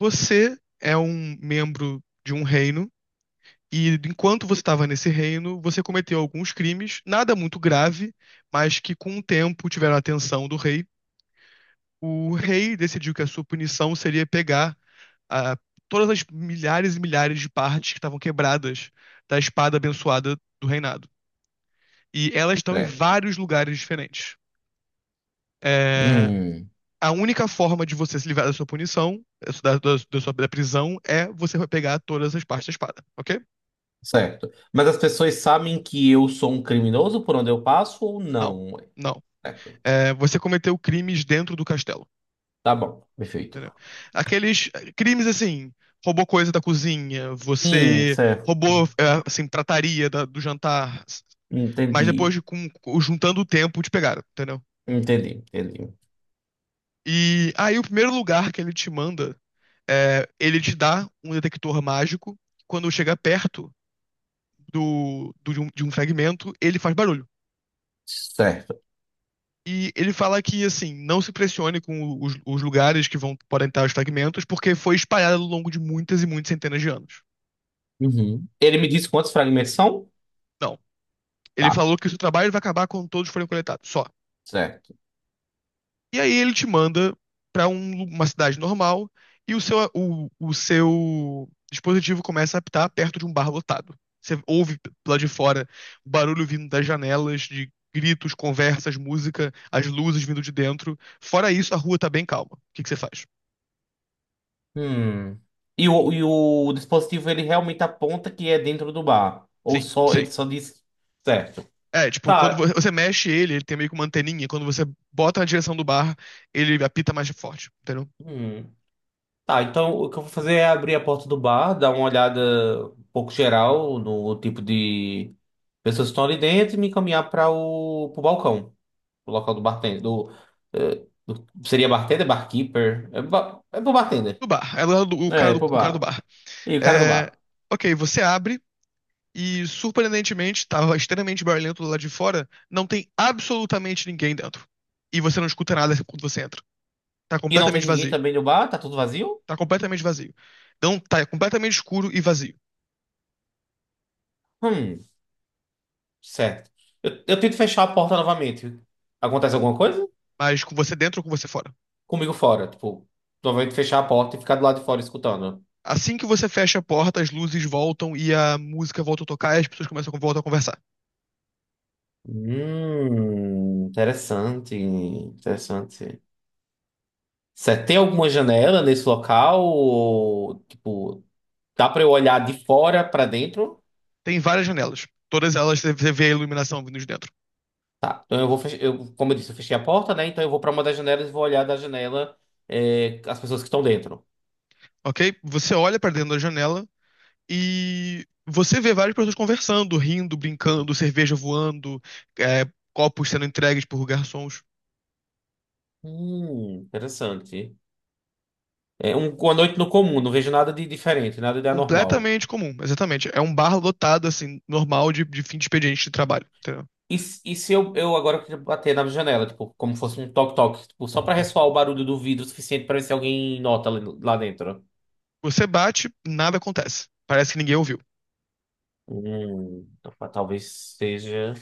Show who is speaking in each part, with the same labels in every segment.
Speaker 1: Você é um membro de um reino, e enquanto você estava nesse reino, você cometeu alguns crimes, nada muito grave, mas que com o tempo tiveram a atenção do rei. O rei decidiu que a sua punição seria pegar ah, todas as milhares e milhares de partes que estavam quebradas da espada abençoada do reinado. E elas estão em
Speaker 2: É.
Speaker 1: vários lugares diferentes. É,
Speaker 2: Hum,
Speaker 1: a única forma de você se livrar da sua punição, da prisão, é você pegar todas as partes da espada, ok?
Speaker 2: certo. Mas as pessoas sabem que eu sou um criminoso por onde eu passo ou
Speaker 1: Não,
Speaker 2: não?
Speaker 1: não.
Speaker 2: Certo.
Speaker 1: É, você cometeu crimes dentro do castelo.
Speaker 2: Tá bom, perfeito.
Speaker 1: Entendeu? Aqueles crimes assim, roubou coisa da cozinha, você
Speaker 2: Certo.
Speaker 1: roubou assim, trataria do jantar, mas
Speaker 2: Entendi.
Speaker 1: depois de juntando o tempo te pegaram, entendeu?
Speaker 2: Entendi.
Speaker 1: E aí o primeiro lugar que ele te manda é, ele te dá um detector mágico. Quando chega perto de um fragmento, ele faz barulho.
Speaker 2: Certo.
Speaker 1: E ele fala que, assim, não se pressione com os lugares que vão, podem estar os fragmentos, porque foi espalhado ao longo de muitas e muitas centenas de anos.
Speaker 2: Uhum. Ele me disse quantos fragmentos são?
Speaker 1: Não. Ele
Speaker 2: Tá,
Speaker 1: falou que o seu trabalho vai acabar quando todos forem coletados, só.
Speaker 2: certo.
Speaker 1: E aí ele te manda para uma cidade normal e o seu dispositivo começa a apitar perto de um bar lotado. Você ouve lá de fora barulho vindo das janelas, de gritos, conversas, música, as luzes vindo de dentro. Fora isso, a rua tá bem calma. O que que você faz?
Speaker 2: Hum. E o dispositivo ele realmente aponta que é dentro do bar? Ou
Speaker 1: Sim,
Speaker 2: só
Speaker 1: sim.
Speaker 2: ele só diz certo?
Speaker 1: É, tipo, quando
Speaker 2: Tá.
Speaker 1: você mexe ele, ele tem meio que uma anteninha. Quando você bota na direção do bar, ele apita mais forte, entendeu?
Speaker 2: Hum. Tá, então o que eu vou fazer é abrir a porta do bar, dar uma olhada um pouco geral no tipo de pessoas que estão ali dentro e me encaminhar para o pro balcão, o local do bartender. Do, seria bartender, barkeeper? É pro bartender.
Speaker 1: Do bar. É lá o cara
Speaker 2: É, é pro
Speaker 1: o cara do
Speaker 2: bar.
Speaker 1: bar.
Speaker 2: E o cara do
Speaker 1: É,
Speaker 2: bar?
Speaker 1: ok, você abre e, surpreendentemente, estava extremamente barulhento do lado de fora. Não tem absolutamente ninguém dentro. E você não escuta nada quando você entra. Tá
Speaker 2: E não tem
Speaker 1: completamente
Speaker 2: ninguém
Speaker 1: vazio.
Speaker 2: também no bar? Tá tudo vazio?
Speaker 1: Tá completamente vazio. Não, tá completamente escuro e vazio.
Speaker 2: Hum, certo. Eu tento fechar a porta novamente. Acontece alguma coisa?
Speaker 1: Mas com você dentro ou com você fora.
Speaker 2: Comigo fora, tipo, novamente fechar a porta e ficar do lado de fora escutando.
Speaker 1: Assim que você fecha a porta, as luzes voltam e a música volta a tocar e as pessoas começam a voltar a conversar.
Speaker 2: Interessante. Você tem alguma janela nesse local? Ou, tipo, dá pra eu olhar de fora pra dentro?
Speaker 1: Tem várias janelas. Todas elas você vê a iluminação vindo de dentro,
Speaker 2: Tá, então eu vou eu, como eu disse, eu fechei a porta, né? Então eu vou pra uma das janelas e vou olhar da janela é, as pessoas que estão dentro.
Speaker 1: ok? Você olha pra dentro da janela e você vê várias pessoas conversando, rindo, brincando, cerveja voando, é, copos sendo entregues por garçons.
Speaker 2: Interessante. É um, uma noite no comum, não vejo nada de diferente, nada de anormal.
Speaker 1: Completamente comum, exatamente. É um bar lotado, assim, normal de fim de expediente de trabalho, entendeu?
Speaker 2: E se eu agora queria bater na janela, tipo, como fosse um toque-toque, tipo, só pra ressoar o barulho do vidro o suficiente pra ver se alguém nota lá dentro?
Speaker 1: Você bate, nada acontece. Parece que ninguém ouviu.
Speaker 2: Opa, talvez seja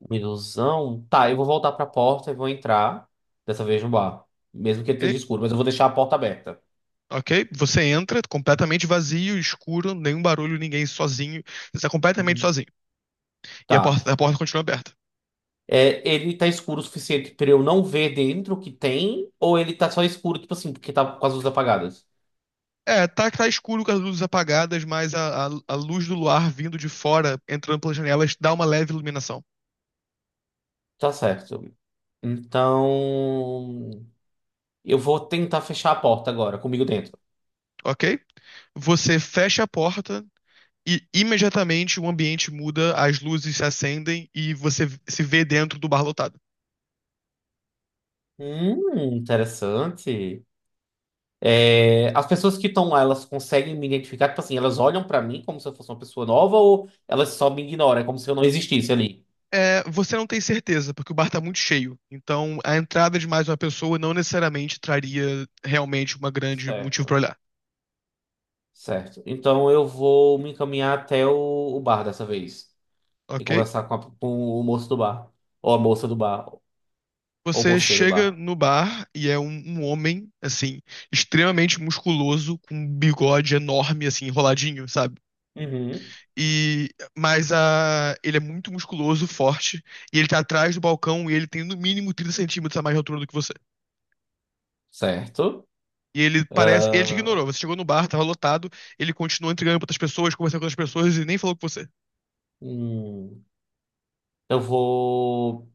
Speaker 2: uma ilusão. Tá, eu vou voltar pra porta e vou entrar, dessa vez no bar, mesmo que ele
Speaker 1: E-
Speaker 2: esteja escuro, mas eu vou deixar a porta aberta.
Speaker 1: ok? Você entra completamente vazio, escuro, nenhum barulho, ninguém sozinho. Você está completamente
Speaker 2: Uhum.
Speaker 1: sozinho. E a porta,
Speaker 2: Tá.
Speaker 1: a porta continua aberta.
Speaker 2: É, ele tá escuro o suficiente pra eu não ver dentro o que tem, ou ele tá só escuro, tipo assim, porque tá com as luzes apagadas?
Speaker 1: É, tá escuro com as luzes apagadas, mas a luz do luar vindo de fora, entrando pelas janelas, dá uma leve iluminação,
Speaker 2: Tá certo. Então. Eu vou tentar fechar a porta agora, comigo dentro.
Speaker 1: ok? Você fecha a porta e imediatamente o ambiente muda, as luzes se acendem e você se vê dentro do bar lotado.
Speaker 2: Interessante. É, as pessoas que estão lá, elas conseguem me identificar? Tipo assim, elas olham pra mim como se eu fosse uma pessoa nova ou elas só me ignoram? É como se eu não existisse ali.
Speaker 1: É, você não tem certeza, porque o bar tá muito cheio. Então, a entrada de mais uma pessoa não necessariamente traria realmente uma grande motivo pra
Speaker 2: Certo.
Speaker 1: olhar,
Speaker 2: Certo. Então eu vou me encaminhar até o bar dessa vez e
Speaker 1: ok?
Speaker 2: conversar com o moço do bar. Ou a moça do bar. Ou o
Speaker 1: Você
Speaker 2: moço do
Speaker 1: chega
Speaker 2: bar.
Speaker 1: no bar e é um, um homem, assim, extremamente musculoso, com um bigode enorme, assim, enroladinho, sabe?
Speaker 2: Uhum.
Speaker 1: E, mas a, ele é muito musculoso, forte, e ele tá atrás do balcão e ele tem no mínimo 30 centímetros a mais de altura do que você.
Speaker 2: Certo.
Speaker 1: E ele parece, ele te
Speaker 2: Ah,
Speaker 1: ignorou, você chegou no bar, tava lotado, ele continuou entregando pra outras pessoas, conversando com outras pessoas e nem falou com você.
Speaker 2: hum, eu vou.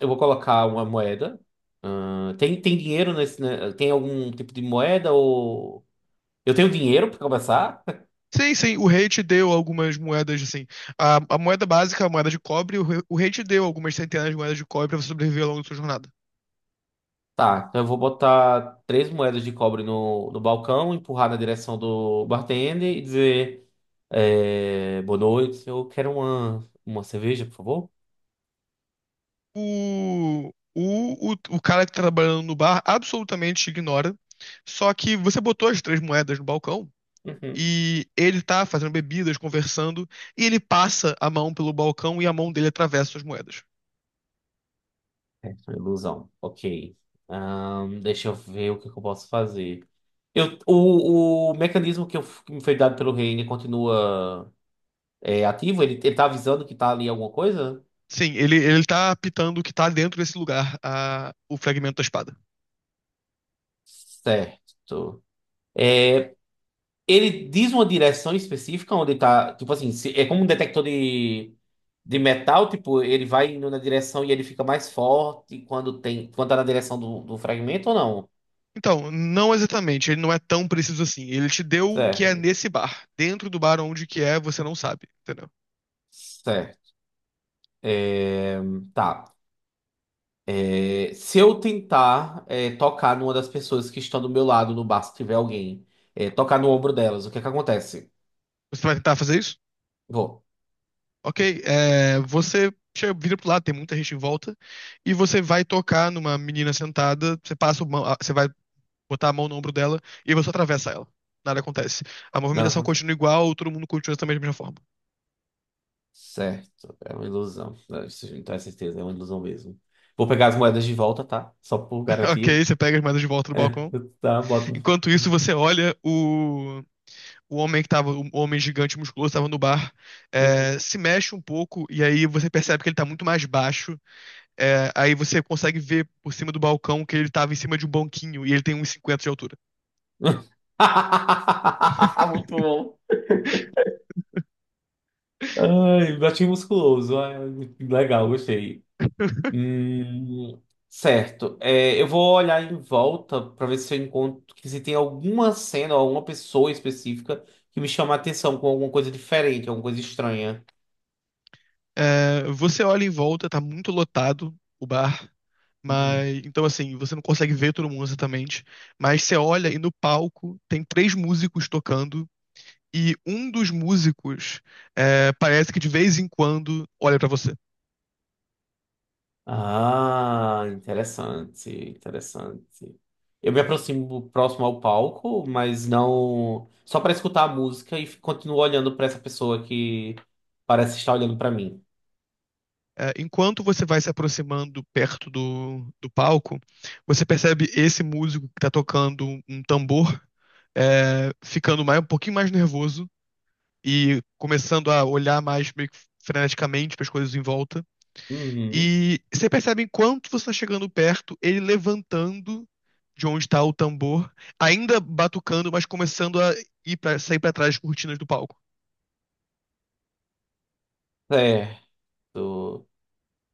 Speaker 2: Eu vou colocar uma moeda. Ah, tem dinheiro nesse, né? Tem algum tipo de moeda ou. Eu tenho dinheiro para começar?
Speaker 1: Sim, sim, o rei te deu algumas moedas, assim, a moeda básica, a moeda de cobre, o rei te deu algumas centenas de moedas de cobre pra você sobreviver ao longo da sua jornada.
Speaker 2: Tá, então eu vou botar 3 moedas de cobre no balcão, empurrar na direção do bartender e dizer: Boa noite, eu quero uma cerveja, por favor.
Speaker 1: O cara que tá trabalhando no bar absolutamente te ignora. Só que você botou as três moedas no balcão
Speaker 2: Uhum.
Speaker 1: e ele tá fazendo bebidas, conversando, e ele passa a mão pelo balcão e a mão dele atravessa as moedas.
Speaker 2: É, foi ilusão. Ok. Deixa eu ver que eu posso fazer. O mecanismo que me foi dado pelo Reine continua. É ativo? Ele tá avisando que tá ali alguma coisa?
Speaker 1: Sim, ele tá apitando o que tá dentro desse lugar, a, o fragmento da espada.
Speaker 2: Certo. É, ele diz uma direção específica onde tá. Tipo assim, é como um detector de metal, tipo, ele vai indo na direção e ele fica mais forte quando tem, quando tá na direção do fragmento ou não?
Speaker 1: Então, não exatamente, ele não é tão preciso assim. Ele te deu o que é
Speaker 2: Certo.
Speaker 1: nesse bar. Dentro do bar onde que é, você não sabe, entendeu?
Speaker 2: Certo. É, tá. É, se eu tentar tocar numa das pessoas que estão do meu lado no bar, se tiver alguém, tocar no ombro delas, o que é que acontece?
Speaker 1: Você vai tentar fazer isso?
Speaker 2: Vou.
Speaker 1: Ok, é, você chega, vira pro lado, tem muita gente em volta, e você vai tocar numa menina sentada, você passa você vai botar a mão no ombro dela e você atravessa ela. Nada acontece. A
Speaker 2: Não,
Speaker 1: movimentação
Speaker 2: não
Speaker 1: continua igual, todo mundo continua também da mesma forma.
Speaker 2: certo, é uma ilusão. Não, isso não tem certeza, é uma ilusão mesmo. Vou pegar as moedas de volta, tá? Só por
Speaker 1: Ok,
Speaker 2: garantia.
Speaker 1: você pega as moedas de volta do
Speaker 2: É,
Speaker 1: balcão.
Speaker 2: tá, bota.
Speaker 1: Enquanto isso,
Speaker 2: Uhum.
Speaker 1: você olha o homem que tava, o homem gigante musculoso estava no bar, é, se mexe um pouco, e aí você percebe que ele tá muito mais baixo. É, aí você consegue ver por cima do balcão que ele tava em cima de um banquinho e ele tem uns 50 de altura.
Speaker 2: Muito bom. Ai, gatinho musculoso. Ai, legal, gostei. Hum, certo. É, eu vou olhar em volta para ver se eu encontro que se tem alguma cena ou alguma pessoa específica que me chama a atenção com alguma coisa diferente, alguma coisa estranha.
Speaker 1: É, você olha em volta, tá muito lotado o bar, mas então assim, você não consegue ver todo mundo exatamente, mas você olha e no palco tem três músicos tocando e um dos músicos é, parece que de vez em quando olha pra você.
Speaker 2: Ah, interessante. Eu me aproximo próximo ao palco, mas não só para escutar a música e continuo olhando para essa pessoa que parece estar olhando para mim.
Speaker 1: É, enquanto você vai se aproximando perto do palco, você percebe esse músico que tá tocando um tambor é, ficando mais, um pouquinho mais nervoso e começando a olhar mais meio que freneticamente para as coisas em volta.
Speaker 2: Uhum,
Speaker 1: E você percebe enquanto você está chegando perto, ele levantando de onde está o tambor, ainda batucando, mas começando a ir pra, sair para trás das cortinas do palco.
Speaker 2: certo.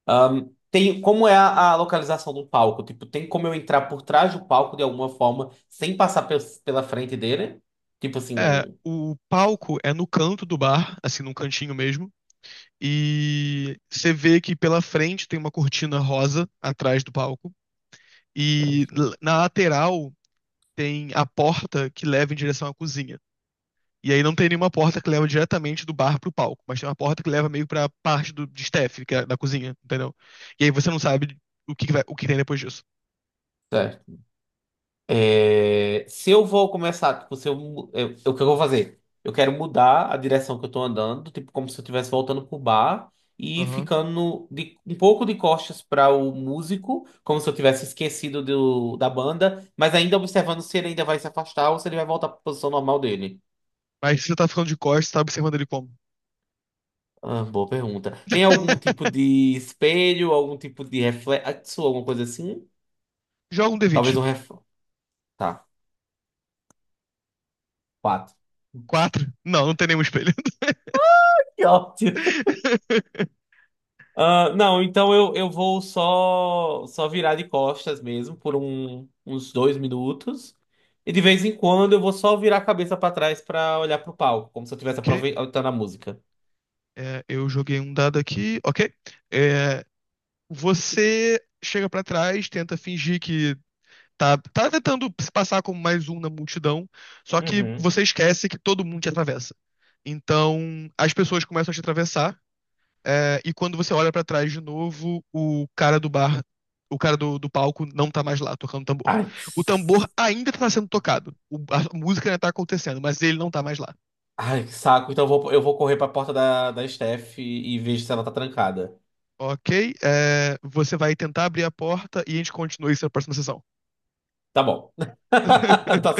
Speaker 2: Tem como é a localização do palco? Tipo, tem como eu entrar por trás do palco de alguma forma sem passar pela frente dele? Tipo
Speaker 1: É,
Speaker 2: assim,
Speaker 1: o palco é no canto do bar, assim, num cantinho mesmo. E você vê que pela frente tem uma cortina rosa atrás do palco. E na lateral tem a porta que leva em direção à cozinha. E aí não tem nenhuma porta que leva diretamente do bar pro palco, mas tem uma porta que leva meio pra parte de staff, que é da cozinha, entendeu? E aí você não sabe o que, que vai, o que tem depois disso.
Speaker 2: certo. É, se eu vou começar, tipo, se eu, mu- eu- o que eu vou fazer? Eu quero mudar a direção que eu tô andando, tipo, como se eu estivesse voltando pro bar e
Speaker 1: Aham.
Speaker 2: ficando de, um pouco de costas para o músico, como se eu tivesse esquecido da banda, mas ainda observando se ele ainda vai se afastar ou se ele vai voltar para a posição normal dele.
Speaker 1: Mas se você tá ficando de costas, você tá observando ele como?
Speaker 2: Ah, boa pergunta. Tem algum tipo de espelho, algum tipo de reflexo, alguma coisa assim?
Speaker 1: Joga um
Speaker 2: Talvez
Speaker 1: D20.
Speaker 2: um reflexo. Tá, 4.
Speaker 1: Quatro? Não, não tem nenhum espelho.
Speaker 2: Que ótimo. Ah, não, então eu vou só virar de costas mesmo por uns 2 minutos. E de vez em quando eu vou só virar a cabeça pra trás pra olhar pro palco, como se eu estivesse
Speaker 1: Ok.
Speaker 2: aproveitando a música.
Speaker 1: É, eu joguei um dado aqui. Ok. É, você chega pra trás, tenta fingir que tá, tá tentando se passar como mais um na multidão, só que
Speaker 2: Uhum.
Speaker 1: você esquece que todo mundo te atravessa. Então, as pessoas começam a te atravessar, é, e quando você olha pra trás de novo, o cara do bar, o cara do palco não tá mais lá tocando tambor.
Speaker 2: Ai, que
Speaker 1: O
Speaker 2: s-
Speaker 1: tambor ainda tá sendo tocado, a música ainda tá acontecendo, mas ele não tá mais lá.
Speaker 2: Ai, que saco. Então eu vou correr pra porta da Steph e vejo se ela tá trancada.
Speaker 1: Ok, é, você vai tentar abrir a porta e a gente continua isso na próxima sessão.
Speaker 2: Tá bom. Tá